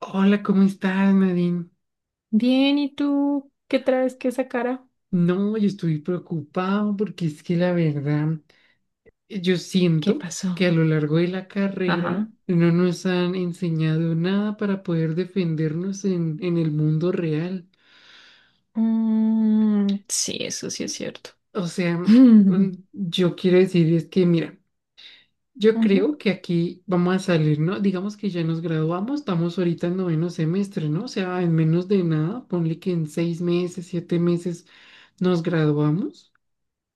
Hola, ¿cómo estás, Nadine? Bien, ¿y tú qué traes que esa cara? No, yo estoy preocupado porque es que la verdad, yo ¿Qué siento que a pasó? lo largo de la Ajá. carrera no nos han enseñado nada para poder defendernos en el mundo real. Mm, sí, eso sí es cierto. O sea, yo quiero decir es que, mira, yo Ujú. creo que aquí vamos a salir, ¿no? Digamos que ya nos graduamos, estamos ahorita en noveno semestre, ¿no? O sea, en menos de nada, ponle que en 6 meses, 7 meses nos graduamos.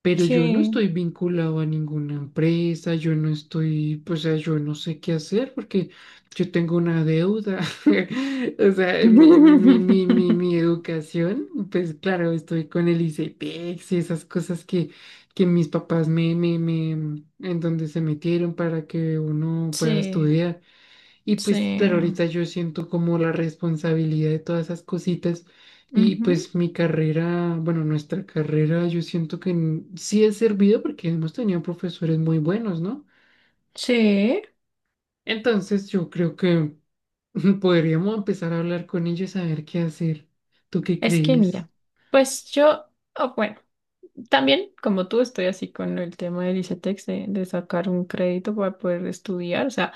Pero yo no Sí. estoy vinculado a ninguna empresa, yo no estoy, pues, o sea, yo no sé qué hacer porque yo tengo una deuda. O sea, mi educación, pues claro, estoy con el ICETEX y esas cosas que mis papás en donde se metieron para que uno pueda Sí, estudiar. Y pues sí. claro, ahorita yo siento como la responsabilidad de todas esas cositas y Ujú. pues mi carrera, bueno, nuestra carrera, yo siento que sí ha servido porque hemos tenido profesores muy buenos, ¿no? Sí. Entonces yo creo que podríamos empezar a hablar con ellos a ver qué hacer. ¿Tú qué Es que crees? mira, pues yo, oh, bueno, también como tú estoy así con el tema del ICETEX de sacar un crédito para poder estudiar. O sea,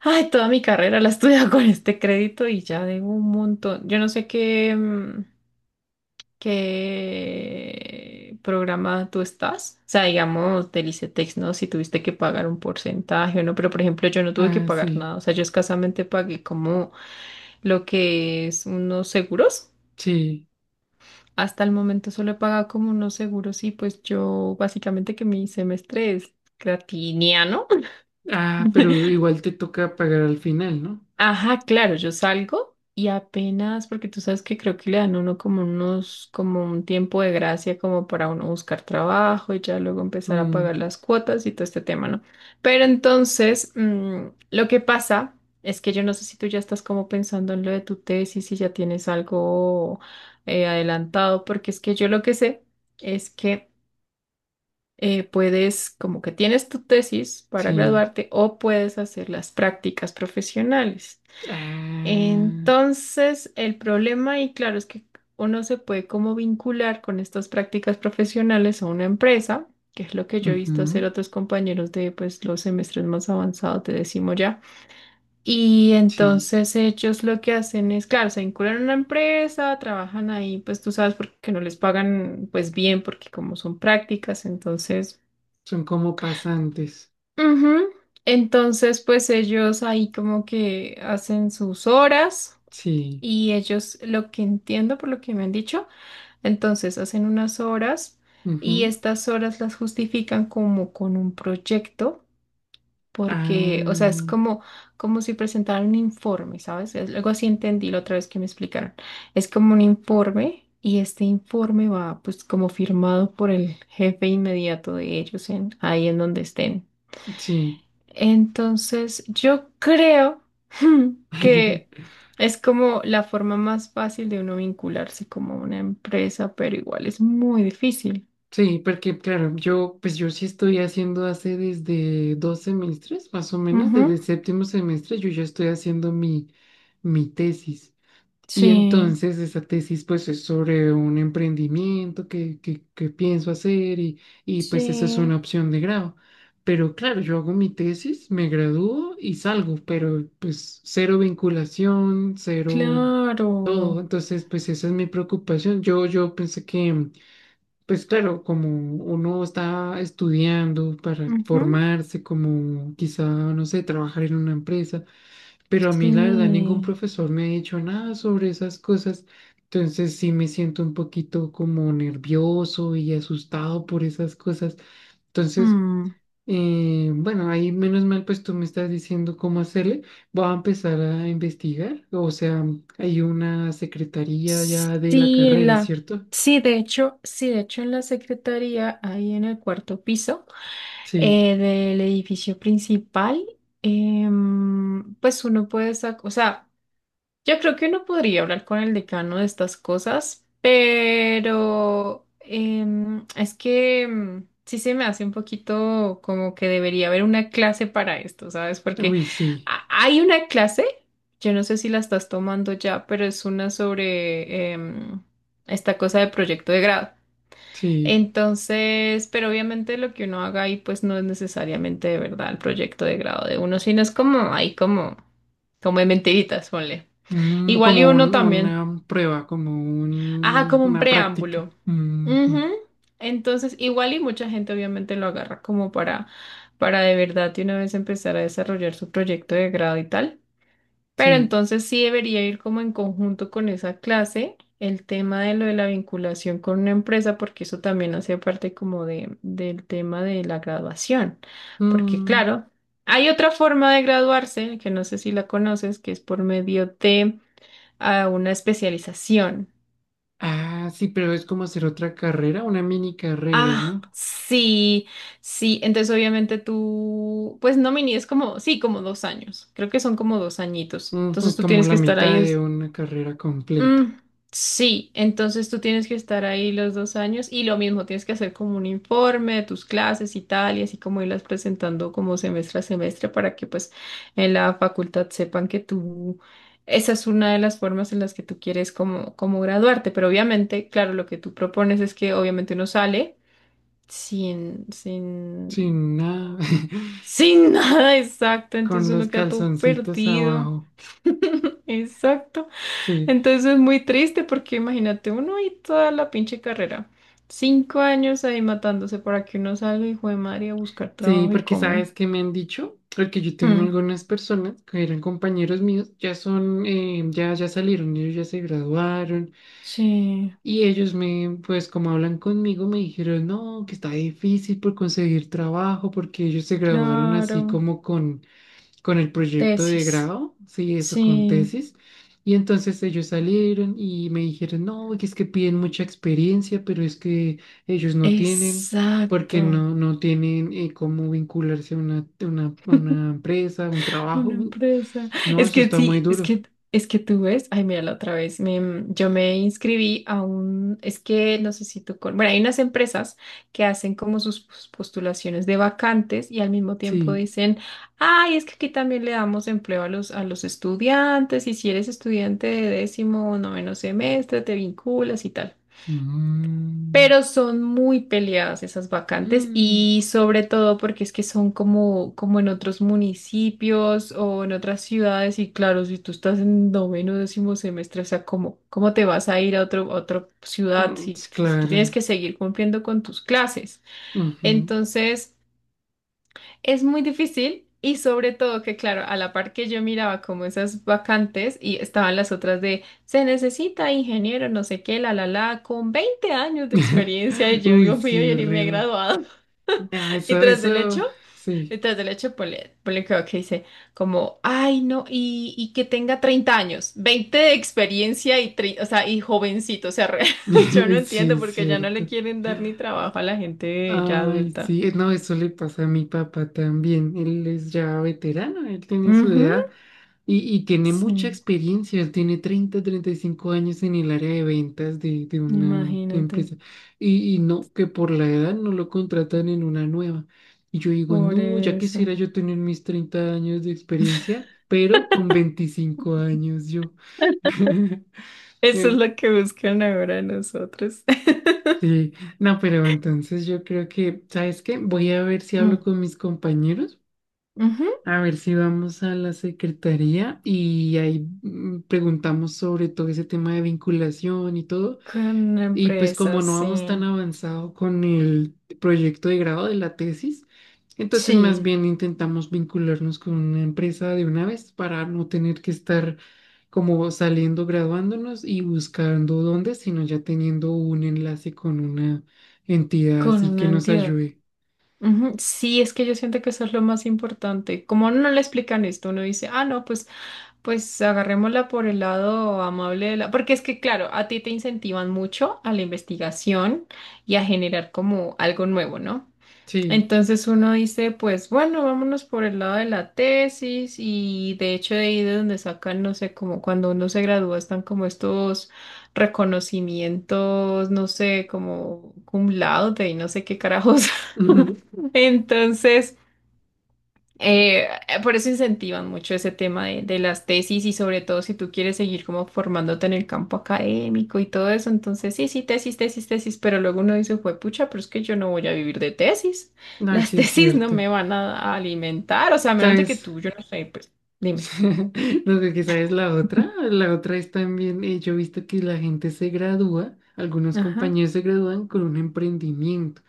ay, toda mi carrera la he estudiado con este crédito y ya debo un montón. Yo no sé qué. Qué programa tú estás. O sea, digamos, del ICETEX, ¿no? Si tuviste que pagar un porcentaje o no, pero por ejemplo, yo no tuve que Ah, pagar sí, nada. O sea, yo escasamente pagué como lo que es unos seguros. sí. Hasta el momento solo he pagado como unos seguros y pues yo básicamente que mi semestre es gratiniano. Ah, pero igual te toca pagar al final, ¿no? Ajá, claro, yo salgo y apenas, porque tú sabes que creo que le dan a uno como unos, como un tiempo de gracia como para uno buscar trabajo y ya luego empezar a Mm, pagar las cuotas y todo este tema, ¿no? Pero entonces, lo que pasa es que yo no sé si tú ya estás como pensando en lo de tu tesis, si ya tienes algo adelantado, porque es que yo lo que sé es que puedes, como que tienes tu tesis para sí. graduarte o puedes hacer las prácticas profesionales. Ah, Entonces, el problema, y claro, es que uno se puede como vincular con estas prácticas profesionales a una empresa, que es lo que yo he visto hacer ujú, otros compañeros de pues los semestres más avanzados, te decimos ya. Y sí. entonces ellos lo que hacen es, claro, se vinculan a una empresa, trabajan ahí, pues tú sabes, porque no les pagan pues bien, porque como son prácticas, entonces... Son como pasantes. Ujú. Entonces, pues ellos ahí como que hacen sus horas. Sí. Y ellos, lo que entiendo por lo que me han dicho, entonces hacen unas horas y Ujú. estas horas las justifican como con un proyecto, porque, o sea, es Ah, como, como si presentaran un informe, ¿sabes? Es- algo así entendí la otra vez que me explicaron. Es como un informe y este informe va pues como firmado por el jefe inmediato de ellos en, ahí en donde estén. sí. Entonces, yo creo que es como la forma más fácil de uno vincularse como a una empresa, pero igual es muy difícil. Sí, porque claro, yo pues yo sí estoy haciendo hace desde 2 semestres, más o menos, desde Ujú. el séptimo semestre, yo ya estoy haciendo mi tesis. Y Sí, entonces esa tesis pues es sobre un emprendimiento que pienso hacer y pues eso es sí, una opción de grado. Pero claro, yo hago mi tesis, me gradúo y salgo, pero pues cero vinculación, cero todo. claro. Entonces pues esa es mi preocupación. Yo pensé que pues claro, como uno está estudiando para Ujú. formarse, como quizá, no sé, trabajar en una empresa. Pero a mí la verdad ningún Sí. profesor me ha dicho nada sobre esas cosas, entonces sí me siento un poquito como nervioso y asustado por esas cosas. Entonces, Mm. Bueno, ahí menos mal pues tú me estás diciendo cómo hacerle, voy a empezar a investigar, o sea, hay una secretaría ya de la Sí, en carrera, la, ¿cierto? Sí, de hecho en la secretaría, ahí en el cuarto piso Sí, del edificio principal, pues uno puede sacar, o sea, yo creo que uno podría hablar con el decano de estas cosas, pero es que sí se me hace un poquito como que debería haber una clase para esto, ¿sabes? Porque uy, sí, hay una clase, yo no sé si la estás tomando ya, pero es una sobre esta cosa de proyecto de grado. sí. Entonces, pero obviamente lo que uno haga ahí pues no es necesariamente de verdad el proyecto de grado de uno, sino es como ahí como, como de mentiritas, ponle. Igual y Como uno también. una prueba, como Ajá, como un una práctica. preámbulo. Mm, Ujú. mm, Entonces, igual y mucha gente obviamente lo agarra como para de verdad de una vez empezar a desarrollar su proyecto de grado y tal. Pero sí. entonces sí debería ir como en conjunto con esa clase el tema de lo de la vinculación con una empresa, porque eso también hace parte como de, del tema de la graduación. Porque Mm. claro, hay otra forma de graduarse, que no sé si la conoces, que es por medio de a una especialización. Ah, sí, pero es como hacer otra carrera, una mini carrera, Ah, ¿no? sí, sí. Entonces, obviamente tú, pues no mini, es como, sí, como 2 años. Creo que son como 2 añitos. Entonces Ujú, tú como tienes que la estar mitad ahí. de una carrera completa, Mm, sí, entonces tú tienes que estar ahí los 2 años y lo mismo, tienes que hacer como un informe de tus clases y tal, y así como irlas presentando como semestre a semestre para que pues en la facultad sepan que tú, esa es una de las formas en las que tú quieres como, como graduarte. Pero obviamente, claro, lo que tú propones es que obviamente uno sale sin, sin nada, ¿cómo? Sin nada exacto, con entonces los uno queda todo calzoncitos perdido, abajo. exacto, Sí, entonces es muy triste porque imagínate uno y toda la pinche carrera, 5 años ahí matándose para que uno salga, hijo de madre, a buscar sí, trabajo y porque cómo. sabes que me han dicho, porque yo tengo Mm, algunas personas que eran compañeros míos, ya son, ya salieron, ellos ya se graduaron sí, y ellos me, pues como hablan conmigo, me dijeron, no, que está difícil por conseguir trabajo, porque ellos se graduaron así claro, como con el proyecto de tesis, grado, sí, eso sí, con tesis. Y entonces ellos salieron y me dijeron, no, que es que piden mucha experiencia, pero es que ellos no tienen, porque exacto. no tienen cómo vincularse a una empresa, a un Una trabajo. empresa. No, Es eso que está muy sí, duro. Es que tú ves, ay, mira la otra vez, yo me inscribí a un, es que no sé si tú, con, bueno, hay unas empresas que hacen como sus postulaciones de vacantes y al mismo tiempo Sí. dicen, ay, es que aquí también le damos empleo a los estudiantes y si eres estudiante de décimo o noveno semestre, te vinculas y tal. Mm, Pero son muy peleadas esas vacantes mm, y sobre todo porque es que son como, como en otros municipios o en otras ciudades y claro, si tú estás en noveno, décimo semestre, o sea, ¿cómo, cómo te vas a ir a otro, a otra ciudad mm, si, sí, si tú tienes claro. que seguir cumpliendo con tus clases? Ujú. Entonces... Es muy difícil y sobre todo que, claro, a la par que yo miraba como esas vacantes y estaban las otras de se necesita ingeniero, no sé qué, la, con 20 años de experiencia y yo, Uy, Dios mío, sí, yo ni me he horrible. graduado. No, Y eso, tras del eso, hecho, y sí. tras del hecho, ponle, ponle cuidado que ok, dice como, ay, no, y que tenga 30 años, 20 de experiencia y, o sea, y jovencito, o sea, yo no Sí, entiendo es porque ya no le cierto. quieren dar ni trabajo a la gente ya Ay, adulta. sí, no, eso le pasa a mi papá también. Él es ya veterano, él tiene su Ujú, edad y tiene mucha sí. experiencia. Él tiene treinta y cinco años en el área de ventas de una Imagínate, empresa. Y no, que por la edad no lo contratan en una nueva. Y yo digo, por no, ya eso. quisiera yo tener mis 30 años de experiencia, pero con 25 años yo. Eso es lo que buscan ahora nosotros. Sí, no, pero entonces yo creo que, ¿sabes qué? Voy a ver si hablo Mm, con mis compañeros, ujú. a ver si vamos a la secretaría y ahí preguntamos sobre todo ese tema de vinculación y todo. Con una Y pues empresa, como no sí. vamos tan avanzado con el proyecto de grado de la tesis, entonces más Sí, bien intentamos vincularnos con una empresa de una vez para no tener que estar como saliendo, graduándonos y buscando dónde, sino ya teniendo un enlace con una entidad con así que una nos entidad. ayude. Ujú. Sí, es que yo siento que eso es lo más importante. Como a uno no le explican esto, uno dice, ah, no, pues, pues agarrémosla por el lado amable de la. Porque es que, claro, a ti te incentivan mucho a la investigación y a generar como algo nuevo, ¿no? Sí, Entonces uno dice, pues bueno, vámonos por el lado de la tesis y de hecho de ahí de donde sacan, no sé, como cuando uno se gradúa están como estos reconocimientos, no sé, como cum laude y no sé qué carajos. ujú, Entonces, por eso incentivan mucho ese tema de las tesis y sobre todo si tú quieres seguir como formándote en el campo académico y todo eso, entonces sí, sí, tesis, tesis, tesis, pero luego uno dice, fue pucha, pero es que yo no voy a vivir de tesis, las así es tesis no cierto. me van a alimentar, o sea, a menos de que ¿Sabes? tú, yo no sé, pues dime. No que quizá es la otra. La otra es también, yo he visto que la gente se gradúa, algunos Ajá. compañeros se gradúan con un emprendimiento,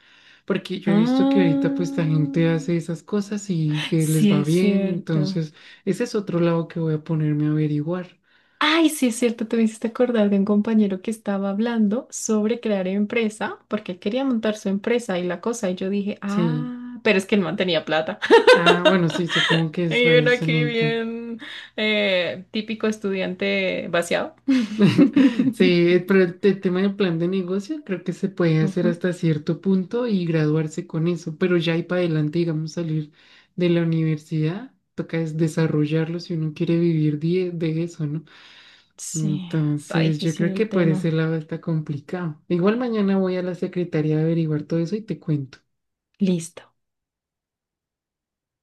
porque yo he visto que ahorita pues la Ah, gente hace esas cosas y que les sí va es bien, cierto. entonces ese es otro lado que voy a ponerme a averiguar. Ay, sí, es cierto, te me hiciste acordar de un compañero que estaba hablando sobre crear empresa, porque él quería montar su empresa y la cosa, y yo dije, Sí. ah, pero es que él no tenía plata. Ah, bueno, sí, supongo que es Y para uno eso, aquí Anita. bien típico estudiante vaciado. Sí, pero el tema del plan de negocio creo que se puede hacer Ujú. hasta cierto punto y graduarse con eso, pero ya y para adelante, digamos, salir de la universidad, toca es desarrollarlo si uno quiere vivir de eso, ¿no? Sí, está Entonces, yo difícil creo que el por ese tema. lado está complicado. Igual mañana voy a la secretaría a averiguar todo eso y te cuento. Listo.